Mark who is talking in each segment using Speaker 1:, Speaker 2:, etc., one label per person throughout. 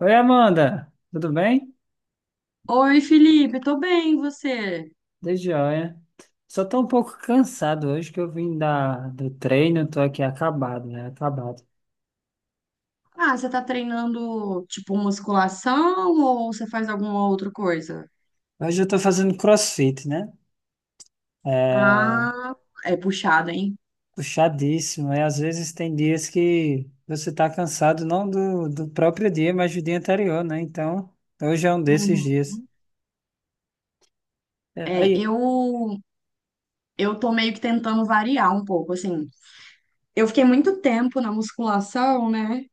Speaker 1: Oi, Amanda, tudo bem?
Speaker 2: Oi, Felipe, tô bem, e você?
Speaker 1: De joia. Só tô um pouco cansado hoje que eu vim do treino, tô aqui acabado, né? Acabado.
Speaker 2: Ah, você tá treinando tipo musculação ou você faz alguma outra coisa?
Speaker 1: Hoje eu tô fazendo CrossFit, né? É
Speaker 2: Ah, é puxado, hein?
Speaker 1: puxadíssimo, e às vezes tem dias que você tá cansado, não do próprio dia, mas do dia anterior, né? Então, hoje é um desses
Speaker 2: Uhum.
Speaker 1: dias. É,
Speaker 2: É,
Speaker 1: aí.
Speaker 2: eu tô meio que tentando variar um pouco, assim. Eu fiquei muito tempo na musculação, né?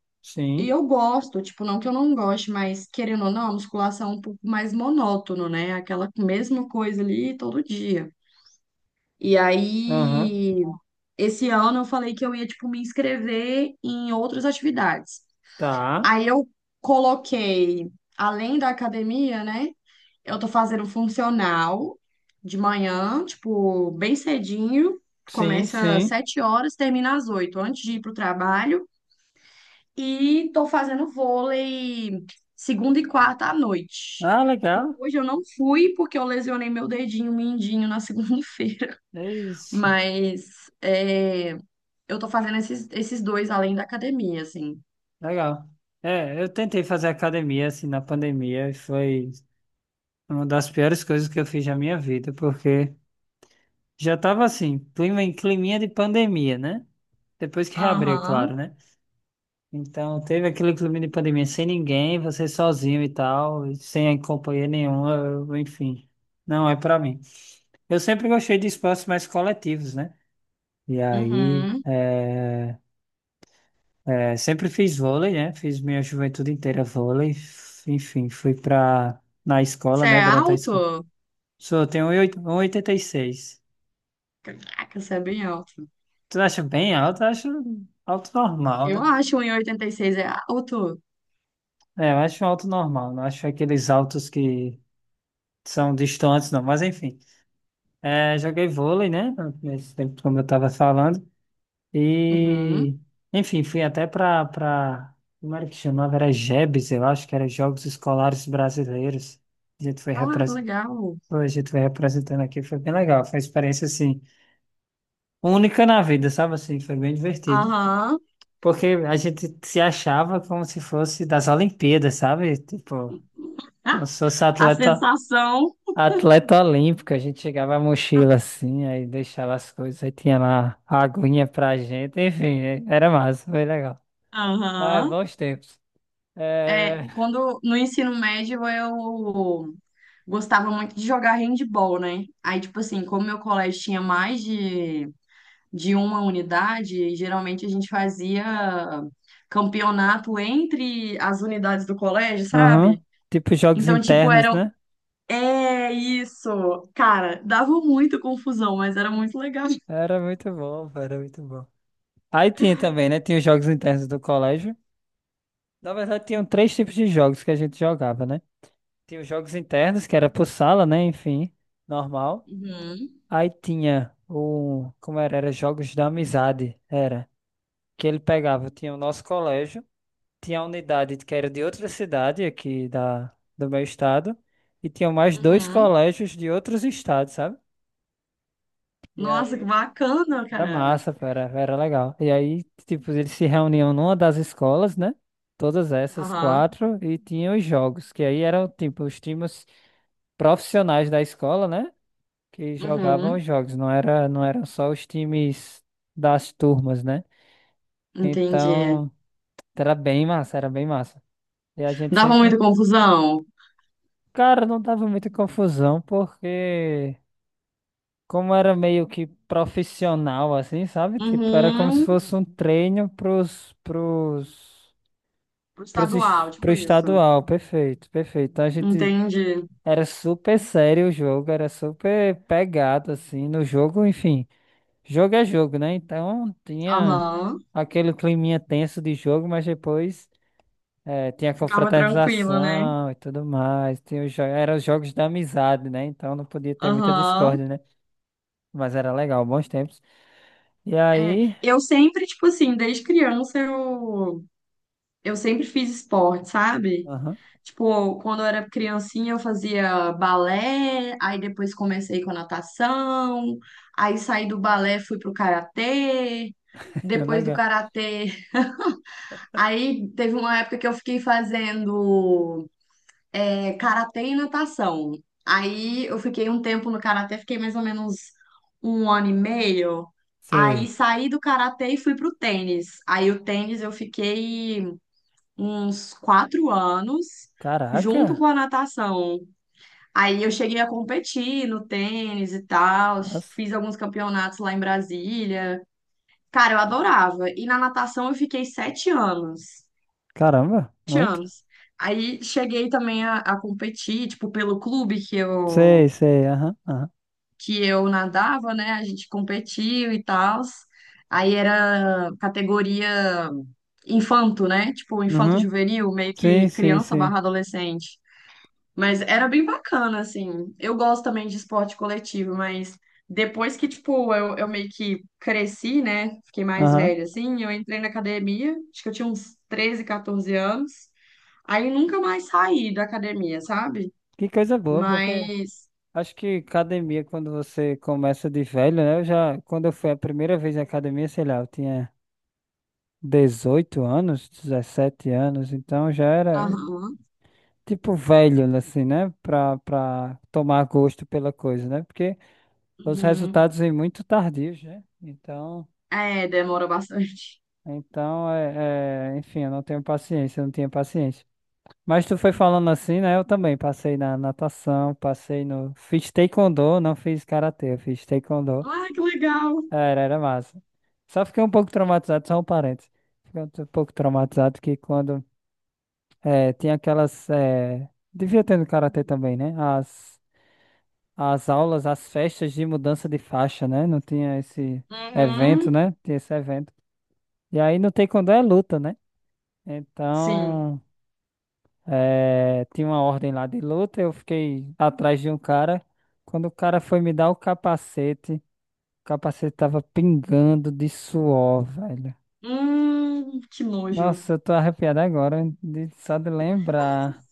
Speaker 2: E
Speaker 1: Sim,
Speaker 2: eu gosto, tipo, não que eu não goste, mas querendo ou não, a musculação é um pouco mais monótono, né? Aquela mesma coisa ali todo dia. E
Speaker 1: aham,
Speaker 2: aí Esse ano eu falei que eu ia, tipo, me inscrever em outras atividades.
Speaker 1: tá.
Speaker 2: Aí eu coloquei, além da academia, né? Eu tô fazendo funcional de manhã, tipo, bem cedinho.
Speaker 1: Sim,
Speaker 2: Começa às
Speaker 1: sim.
Speaker 2: 7 horas, termina às 8 antes de ir pro trabalho. E tô fazendo vôlei segunda e quarta à noite.
Speaker 1: Ah,
Speaker 2: Tipo,
Speaker 1: legal.
Speaker 2: hoje eu não fui porque eu lesionei meu dedinho mindinho na segunda-feira.
Speaker 1: É isso.
Speaker 2: Mas é, eu tô fazendo esses dois além da academia, assim.
Speaker 1: Legal. É, eu tentei fazer academia assim na pandemia e foi uma das piores coisas que eu fiz na minha vida, porque já tava assim, clima em climinha de pandemia, né? Depois que reabriu,
Speaker 2: Aham.
Speaker 1: claro, né? Então teve aquele clima de pandemia sem ninguém, você sozinho e tal, e sem companhia nenhuma, enfim. Não é pra mim. Eu sempre gostei de espaços mais coletivos, né? E aí,
Speaker 2: Uhum.
Speaker 1: é, sempre fiz vôlei, né? Fiz minha juventude inteira vôlei. Enfim, na escola,
Speaker 2: Você
Speaker 1: né?
Speaker 2: é
Speaker 1: Durante a escola.
Speaker 2: alto?
Speaker 1: Sou, eu tenho 1,86.
Speaker 2: Caraca, você é bem alto.
Speaker 1: Tu acha bem alto? Eu acho alto normal,
Speaker 2: Eu
Speaker 1: né?
Speaker 2: acho um e oitenta e seis é alto.
Speaker 1: É, eu acho um alto normal. Não acho aqueles altos que são distantes, não. Mas enfim. É, joguei vôlei, né? Nesse tempo, como eu tava falando.
Speaker 2: Uhum.
Speaker 1: E, enfim, pra... Como era que chamava? Era JEBs, eu acho que era Jogos Escolares Brasileiros. A gente foi
Speaker 2: Ah, que
Speaker 1: representado.
Speaker 2: legal.
Speaker 1: Hoje tu vai representando aqui, foi bem legal. Foi uma experiência assim, única na vida, sabe assim? Foi bem divertido.
Speaker 2: Aham.
Speaker 1: Porque a gente se achava como se fosse das Olimpíadas, sabe? Tipo, então
Speaker 2: Ah,
Speaker 1: se fosse
Speaker 2: a
Speaker 1: atleta,
Speaker 2: sensação
Speaker 1: atleta olímpico, a gente chegava a mochila assim, aí deixava as coisas, aí tinha lá a aguinha pra gente, enfim, era massa, foi legal. Ah,
Speaker 2: Aham.
Speaker 1: bons tempos.
Speaker 2: é
Speaker 1: É...
Speaker 2: quando no ensino médio eu gostava muito de jogar handball, né? Aí, tipo assim, como meu colégio tinha mais de uma unidade, e geralmente a gente fazia campeonato entre as unidades do colégio,
Speaker 1: Uhum.
Speaker 2: sabe?
Speaker 1: Tipo jogos
Speaker 2: Então, tipo,
Speaker 1: internos,
Speaker 2: eram.
Speaker 1: né?
Speaker 2: É isso! Cara, dava muita confusão, mas era muito legal.
Speaker 1: Era muito bom, era muito bom. Aí tinha também, né? Tinha os jogos internos do colégio. Na verdade, tinham três tipos de jogos que a gente jogava, né? Tinha os jogos internos, que era por sala, né? Enfim, normal.
Speaker 2: Uhum,
Speaker 1: Aí tinha o. Como era? Era jogos da amizade, era. Que ele pegava, tinha o nosso colégio, tinha a unidade que era de outra cidade aqui do meu estado, e tinha mais dois
Speaker 2: uhum.
Speaker 1: colégios de outros estados, sabe? E
Speaker 2: Nossa, que
Speaker 1: aí,
Speaker 2: bacana,
Speaker 1: era
Speaker 2: cara.
Speaker 1: massa, pô, era, era legal. E aí, tipo, eles se reuniam numa das escolas, né? Todas essas
Speaker 2: Aham.
Speaker 1: quatro, e tinham os jogos, que aí eram, tipo, os times profissionais da escola, né? Que jogavam
Speaker 2: Uhum.
Speaker 1: os jogos, não era, não eram só os times das turmas, né?
Speaker 2: Entendi.
Speaker 1: Então, era bem massa, era bem massa. E a gente
Speaker 2: Dava
Speaker 1: sempre,
Speaker 2: muita confusão.
Speaker 1: cara, não dava muita confusão, porque como era meio que profissional, assim, sabe? Tipo, era como se
Speaker 2: Uhum.
Speaker 1: fosse um treino
Speaker 2: Pro estadual,
Speaker 1: Pro
Speaker 2: tipo isso.
Speaker 1: estadual, perfeito, perfeito. Então a gente
Speaker 2: Entendi.
Speaker 1: era super sério o jogo, era super pegado assim no jogo, enfim. Jogo é jogo, né? Então tinha
Speaker 2: Aham.
Speaker 1: aquele climinha tenso de jogo, mas depois tinha
Speaker 2: Ficava tranquilo, né?
Speaker 1: confraternização e tudo mais. Tinha eram os jogos da amizade, né? Então não podia ter muita
Speaker 2: Aham.
Speaker 1: discórdia, né? Mas era legal, bons tempos. E
Speaker 2: É,
Speaker 1: aí.
Speaker 2: eu sempre, tipo assim, desde criança eu sempre fiz esporte, sabe?
Speaker 1: Aham,
Speaker 2: Tipo, quando eu era criancinha eu fazia balé, aí depois comecei com natação, aí saí do balé, fui pro karatê,
Speaker 1: é
Speaker 2: depois do
Speaker 1: legal.
Speaker 2: karatê, aí teve uma época que eu fiquei fazendo é, karatê e natação. Aí eu fiquei um tempo no karatê, fiquei mais ou menos um ano e meio. Aí
Speaker 1: Sei.
Speaker 2: saí do karatê e fui pro tênis. Aí o tênis eu fiquei uns 4 anos junto com
Speaker 1: Caraca!
Speaker 2: a natação. Aí eu cheguei a competir no tênis e tal,
Speaker 1: Nossa,
Speaker 2: fiz alguns campeonatos lá em Brasília. Cara, eu adorava. E na natação eu fiquei 7 anos.
Speaker 1: caramba, muito.
Speaker 2: Aí cheguei também a competir, tipo, pelo clube
Speaker 1: Sei, sei, aham, aham.
Speaker 2: que eu nadava, né? A gente competiu e tal. Aí era categoria infanto, né? Tipo, infanto
Speaker 1: Uhum.
Speaker 2: juvenil, meio
Speaker 1: Sim,
Speaker 2: que
Speaker 1: sim,
Speaker 2: criança
Speaker 1: sim.
Speaker 2: barra adolescente. Mas era bem bacana, assim. Eu gosto também de esporte coletivo, mas depois que, tipo, eu meio que cresci, né? Fiquei mais
Speaker 1: Aham.
Speaker 2: velha, assim. Eu entrei na academia, acho que eu tinha uns 13, 14 anos. Aí nunca mais saí da academia, sabe?
Speaker 1: Que coisa boa, porque
Speaker 2: Mas.
Speaker 1: acho que academia, quando você começa de velho, né? Eu já, quando eu fui a primeira vez na academia, sei lá, eu tinha 18 anos, 17 anos, então já era
Speaker 2: Aham.
Speaker 1: tipo velho, assim, né? Pra tomar gosto pela coisa, né? Porque os
Speaker 2: Uhum.
Speaker 1: resultados vêm muito tardios, né? Então,
Speaker 2: É, demora bastante.
Speaker 1: enfim, eu não tenho paciência, eu não tinha paciência. Mas tu foi falando assim, né? Eu também passei na natação, passei no. Fiz taekwondo, não fiz karatê, eu fiz taekwondo.
Speaker 2: Ah, que legal.
Speaker 1: Era massa. Só fiquei um pouco traumatizado, só um parênteses. Fiquei um pouco traumatizado que quando tinha aquelas. Devia ter no karatê também, né? As aulas, as festas de mudança de faixa, né? Não tinha esse evento,
Speaker 2: Uhum,
Speaker 1: né? Tinha esse evento. E aí no taekwondo é luta, né?
Speaker 2: sim.
Speaker 1: Então. É, tinha uma ordem lá de luta, eu fiquei atrás de um cara. Quando o cara foi me dar o capacete tava pingando de suor, velho.
Speaker 2: Que nojo.
Speaker 1: Nossa, eu tô arrepiado agora só de lembrar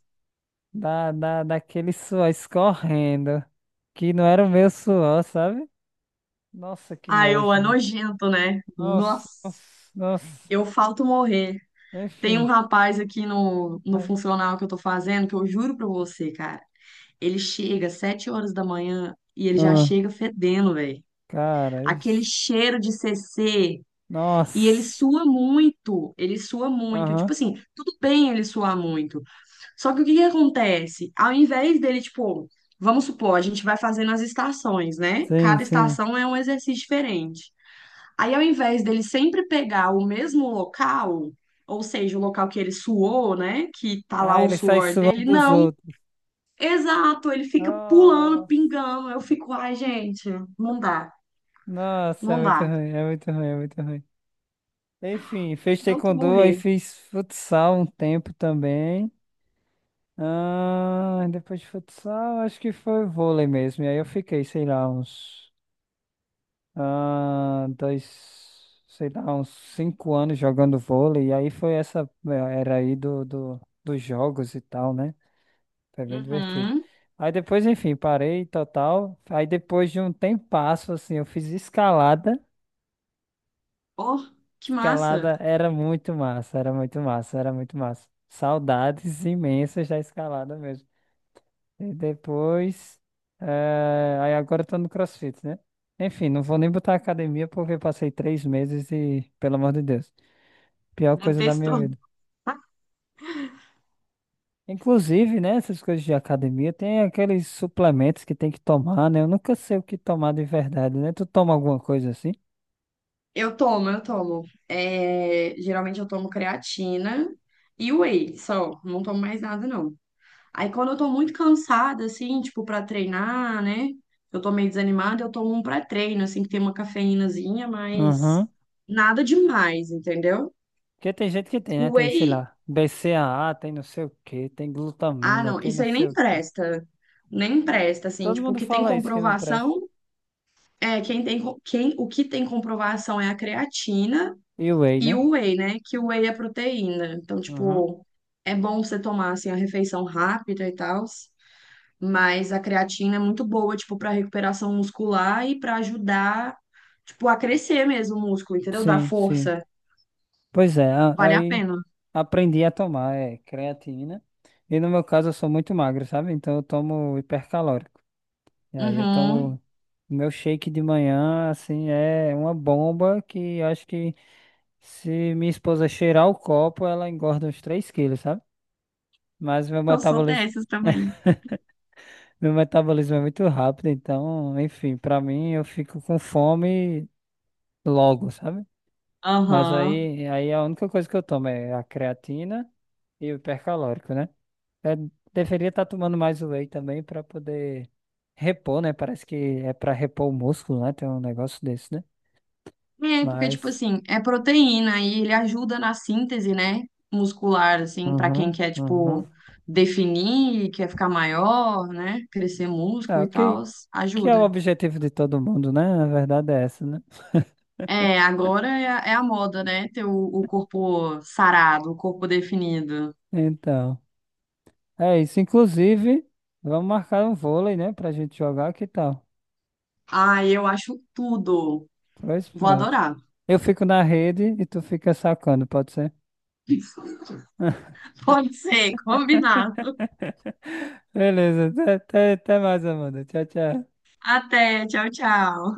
Speaker 1: daquele suor escorrendo, que não era o meu suor, sabe? Nossa, que
Speaker 2: Ah, eu
Speaker 1: nojo,
Speaker 2: é
Speaker 1: velho.
Speaker 2: nojento, né?
Speaker 1: Nossa, nossa,
Speaker 2: Nossa,
Speaker 1: nossa.
Speaker 2: eu falto morrer. Tem um
Speaker 1: Enfim.
Speaker 2: rapaz aqui no
Speaker 1: Ai,
Speaker 2: funcional que eu tô fazendo, que eu juro pra você, cara. Ele chega às 7 horas da manhã e ele já
Speaker 1: ah,
Speaker 2: chega fedendo, velho.
Speaker 1: cara,
Speaker 2: Aquele
Speaker 1: isso.
Speaker 2: cheiro de CC. E ele
Speaker 1: Nossa.
Speaker 2: sua muito. Ele sua muito. Tipo
Speaker 1: Aham.
Speaker 2: assim, tudo bem ele suar muito. Só que o que que acontece? Ao invés dele, tipo, vamos supor, a gente vai fazendo as estações, né?
Speaker 1: Sim,
Speaker 2: Cada
Speaker 1: sim.
Speaker 2: estação é um exercício diferente. Aí, ao invés dele sempre pegar o mesmo local, ou seja, o local que ele suou, né? Que tá lá
Speaker 1: Ah,
Speaker 2: o
Speaker 1: ele sai
Speaker 2: suor
Speaker 1: suando
Speaker 2: dele,
Speaker 1: dos
Speaker 2: não.
Speaker 1: outros.
Speaker 2: Exato, ele fica pulando,
Speaker 1: Nossa,
Speaker 2: pingando. Eu fico, ai, gente, não dá,
Speaker 1: nossa, é
Speaker 2: não
Speaker 1: muito
Speaker 2: dá.
Speaker 1: ruim, é muito ruim, é muito ruim. Enfim, fez
Speaker 2: Se Eu tô
Speaker 1: taekwondo, aí
Speaker 2: morrer.
Speaker 1: fiz futsal um tempo também. Ah, depois de futsal, acho que foi vôlei mesmo. E aí eu fiquei, sei lá, uns dois, sei lá, uns 5 anos jogando vôlei. E aí foi essa, é, era aí dos jogos e tal, né? Foi bem divertido.
Speaker 2: Uhum.
Speaker 1: Aí depois, enfim, parei total. Aí depois de um tempasso, assim, eu fiz escalada.
Speaker 2: Oh, que massa.
Speaker 1: Escalada era muito massa, era muito massa, era muito massa. Saudades imensas da escalada mesmo. E depois. Aí agora eu tô no CrossFit, né? Enfim, não vou nem botar academia porque eu passei 3 meses e, pelo amor de Deus, pior coisa da minha
Speaker 2: Detesto.
Speaker 1: vida. Inclusive, né, essas coisas de academia, tem aqueles suplementos que tem que tomar, né? Eu nunca sei o que tomar de verdade, né? Tu toma alguma coisa assim?
Speaker 2: Eu tomo, eu tomo. É, geralmente eu tomo creatina e whey, só. Não tomo mais nada, não. Aí quando eu tô muito cansada, assim, tipo, pra treinar, né? Eu tô meio desanimada, eu tomo um pré-treino, assim, que tem uma cafeínazinha, mas
Speaker 1: Uhum.
Speaker 2: nada demais, entendeu?
Speaker 1: Porque tem gente que tem, né? Tem, sei
Speaker 2: Whey,
Speaker 1: lá, BCAA, tem não sei o que, tem
Speaker 2: ah,
Speaker 1: glutamina,
Speaker 2: não,
Speaker 1: tem
Speaker 2: isso
Speaker 1: não
Speaker 2: aí
Speaker 1: sei
Speaker 2: nem
Speaker 1: o que.
Speaker 2: presta. Nem presta, assim,
Speaker 1: Todo
Speaker 2: tipo, o
Speaker 1: mundo
Speaker 2: que tem
Speaker 1: fala isso que não presta.
Speaker 2: comprovação é quem tem, o que tem comprovação é a creatina.
Speaker 1: E o whey,
Speaker 2: E
Speaker 1: né?
Speaker 2: o whey, né? Que o whey é proteína. Então,
Speaker 1: Uhum.
Speaker 2: tipo, é bom você tomar assim a refeição rápida e tal, mas a creatina é muito boa, tipo, para recuperação muscular e para ajudar, tipo, a crescer mesmo o músculo, entendeu? Dar
Speaker 1: Sim, sim.
Speaker 2: força.
Speaker 1: Pois é,
Speaker 2: Vale a
Speaker 1: aí
Speaker 2: pena.
Speaker 1: aprendi a tomar, é, creatina. E no meu caso eu sou muito magro, sabe? Então eu tomo hipercalórico. E aí eu
Speaker 2: Uhum.
Speaker 1: tomo meu shake de manhã, assim, é uma bomba que acho que se minha esposa cheirar o copo, ela engorda uns 3 quilos, sabe? Mas meu
Speaker 2: Eu sou
Speaker 1: metabolismo,
Speaker 2: dessas também.
Speaker 1: meu metabolismo é muito rápido, então, enfim, pra mim eu fico com fome logo, sabe? Mas
Speaker 2: Aham.
Speaker 1: aí a única coisa que eu tomo é a creatina e o hipercalórico, né? Eu deveria estar tomando mais whey também pra poder repor, né? Parece que é pra repor o músculo, né? Tem um negócio desse, né?
Speaker 2: É, porque, tipo
Speaker 1: Mas,
Speaker 2: assim, é proteína e ele ajuda na síntese, né, muscular, assim, pra quem
Speaker 1: uhum,
Speaker 2: quer,
Speaker 1: uhum.
Speaker 2: tipo, definir, quer ficar maior, né, crescer
Speaker 1: É,
Speaker 2: músculo
Speaker 1: o
Speaker 2: e
Speaker 1: que,
Speaker 2: tal,
Speaker 1: que é o
Speaker 2: ajuda.
Speaker 1: objetivo de todo mundo, né? A verdade é essa, né?
Speaker 2: É, agora é a, é a moda, né, ter o corpo sarado, o corpo definido.
Speaker 1: Então, é isso. Inclusive, vamos marcar um vôlei, né? Pra gente jogar, que tal?
Speaker 2: Ai, eu acho tudo.
Speaker 1: Pois
Speaker 2: Vou
Speaker 1: pronto.
Speaker 2: adorar.
Speaker 1: Eu fico na rede e tu fica sacando, pode ser?
Speaker 2: Pode ser, combinado.
Speaker 1: Beleza, até mais, Amanda. Tchau, tchau.
Speaker 2: Até, tchau, tchau.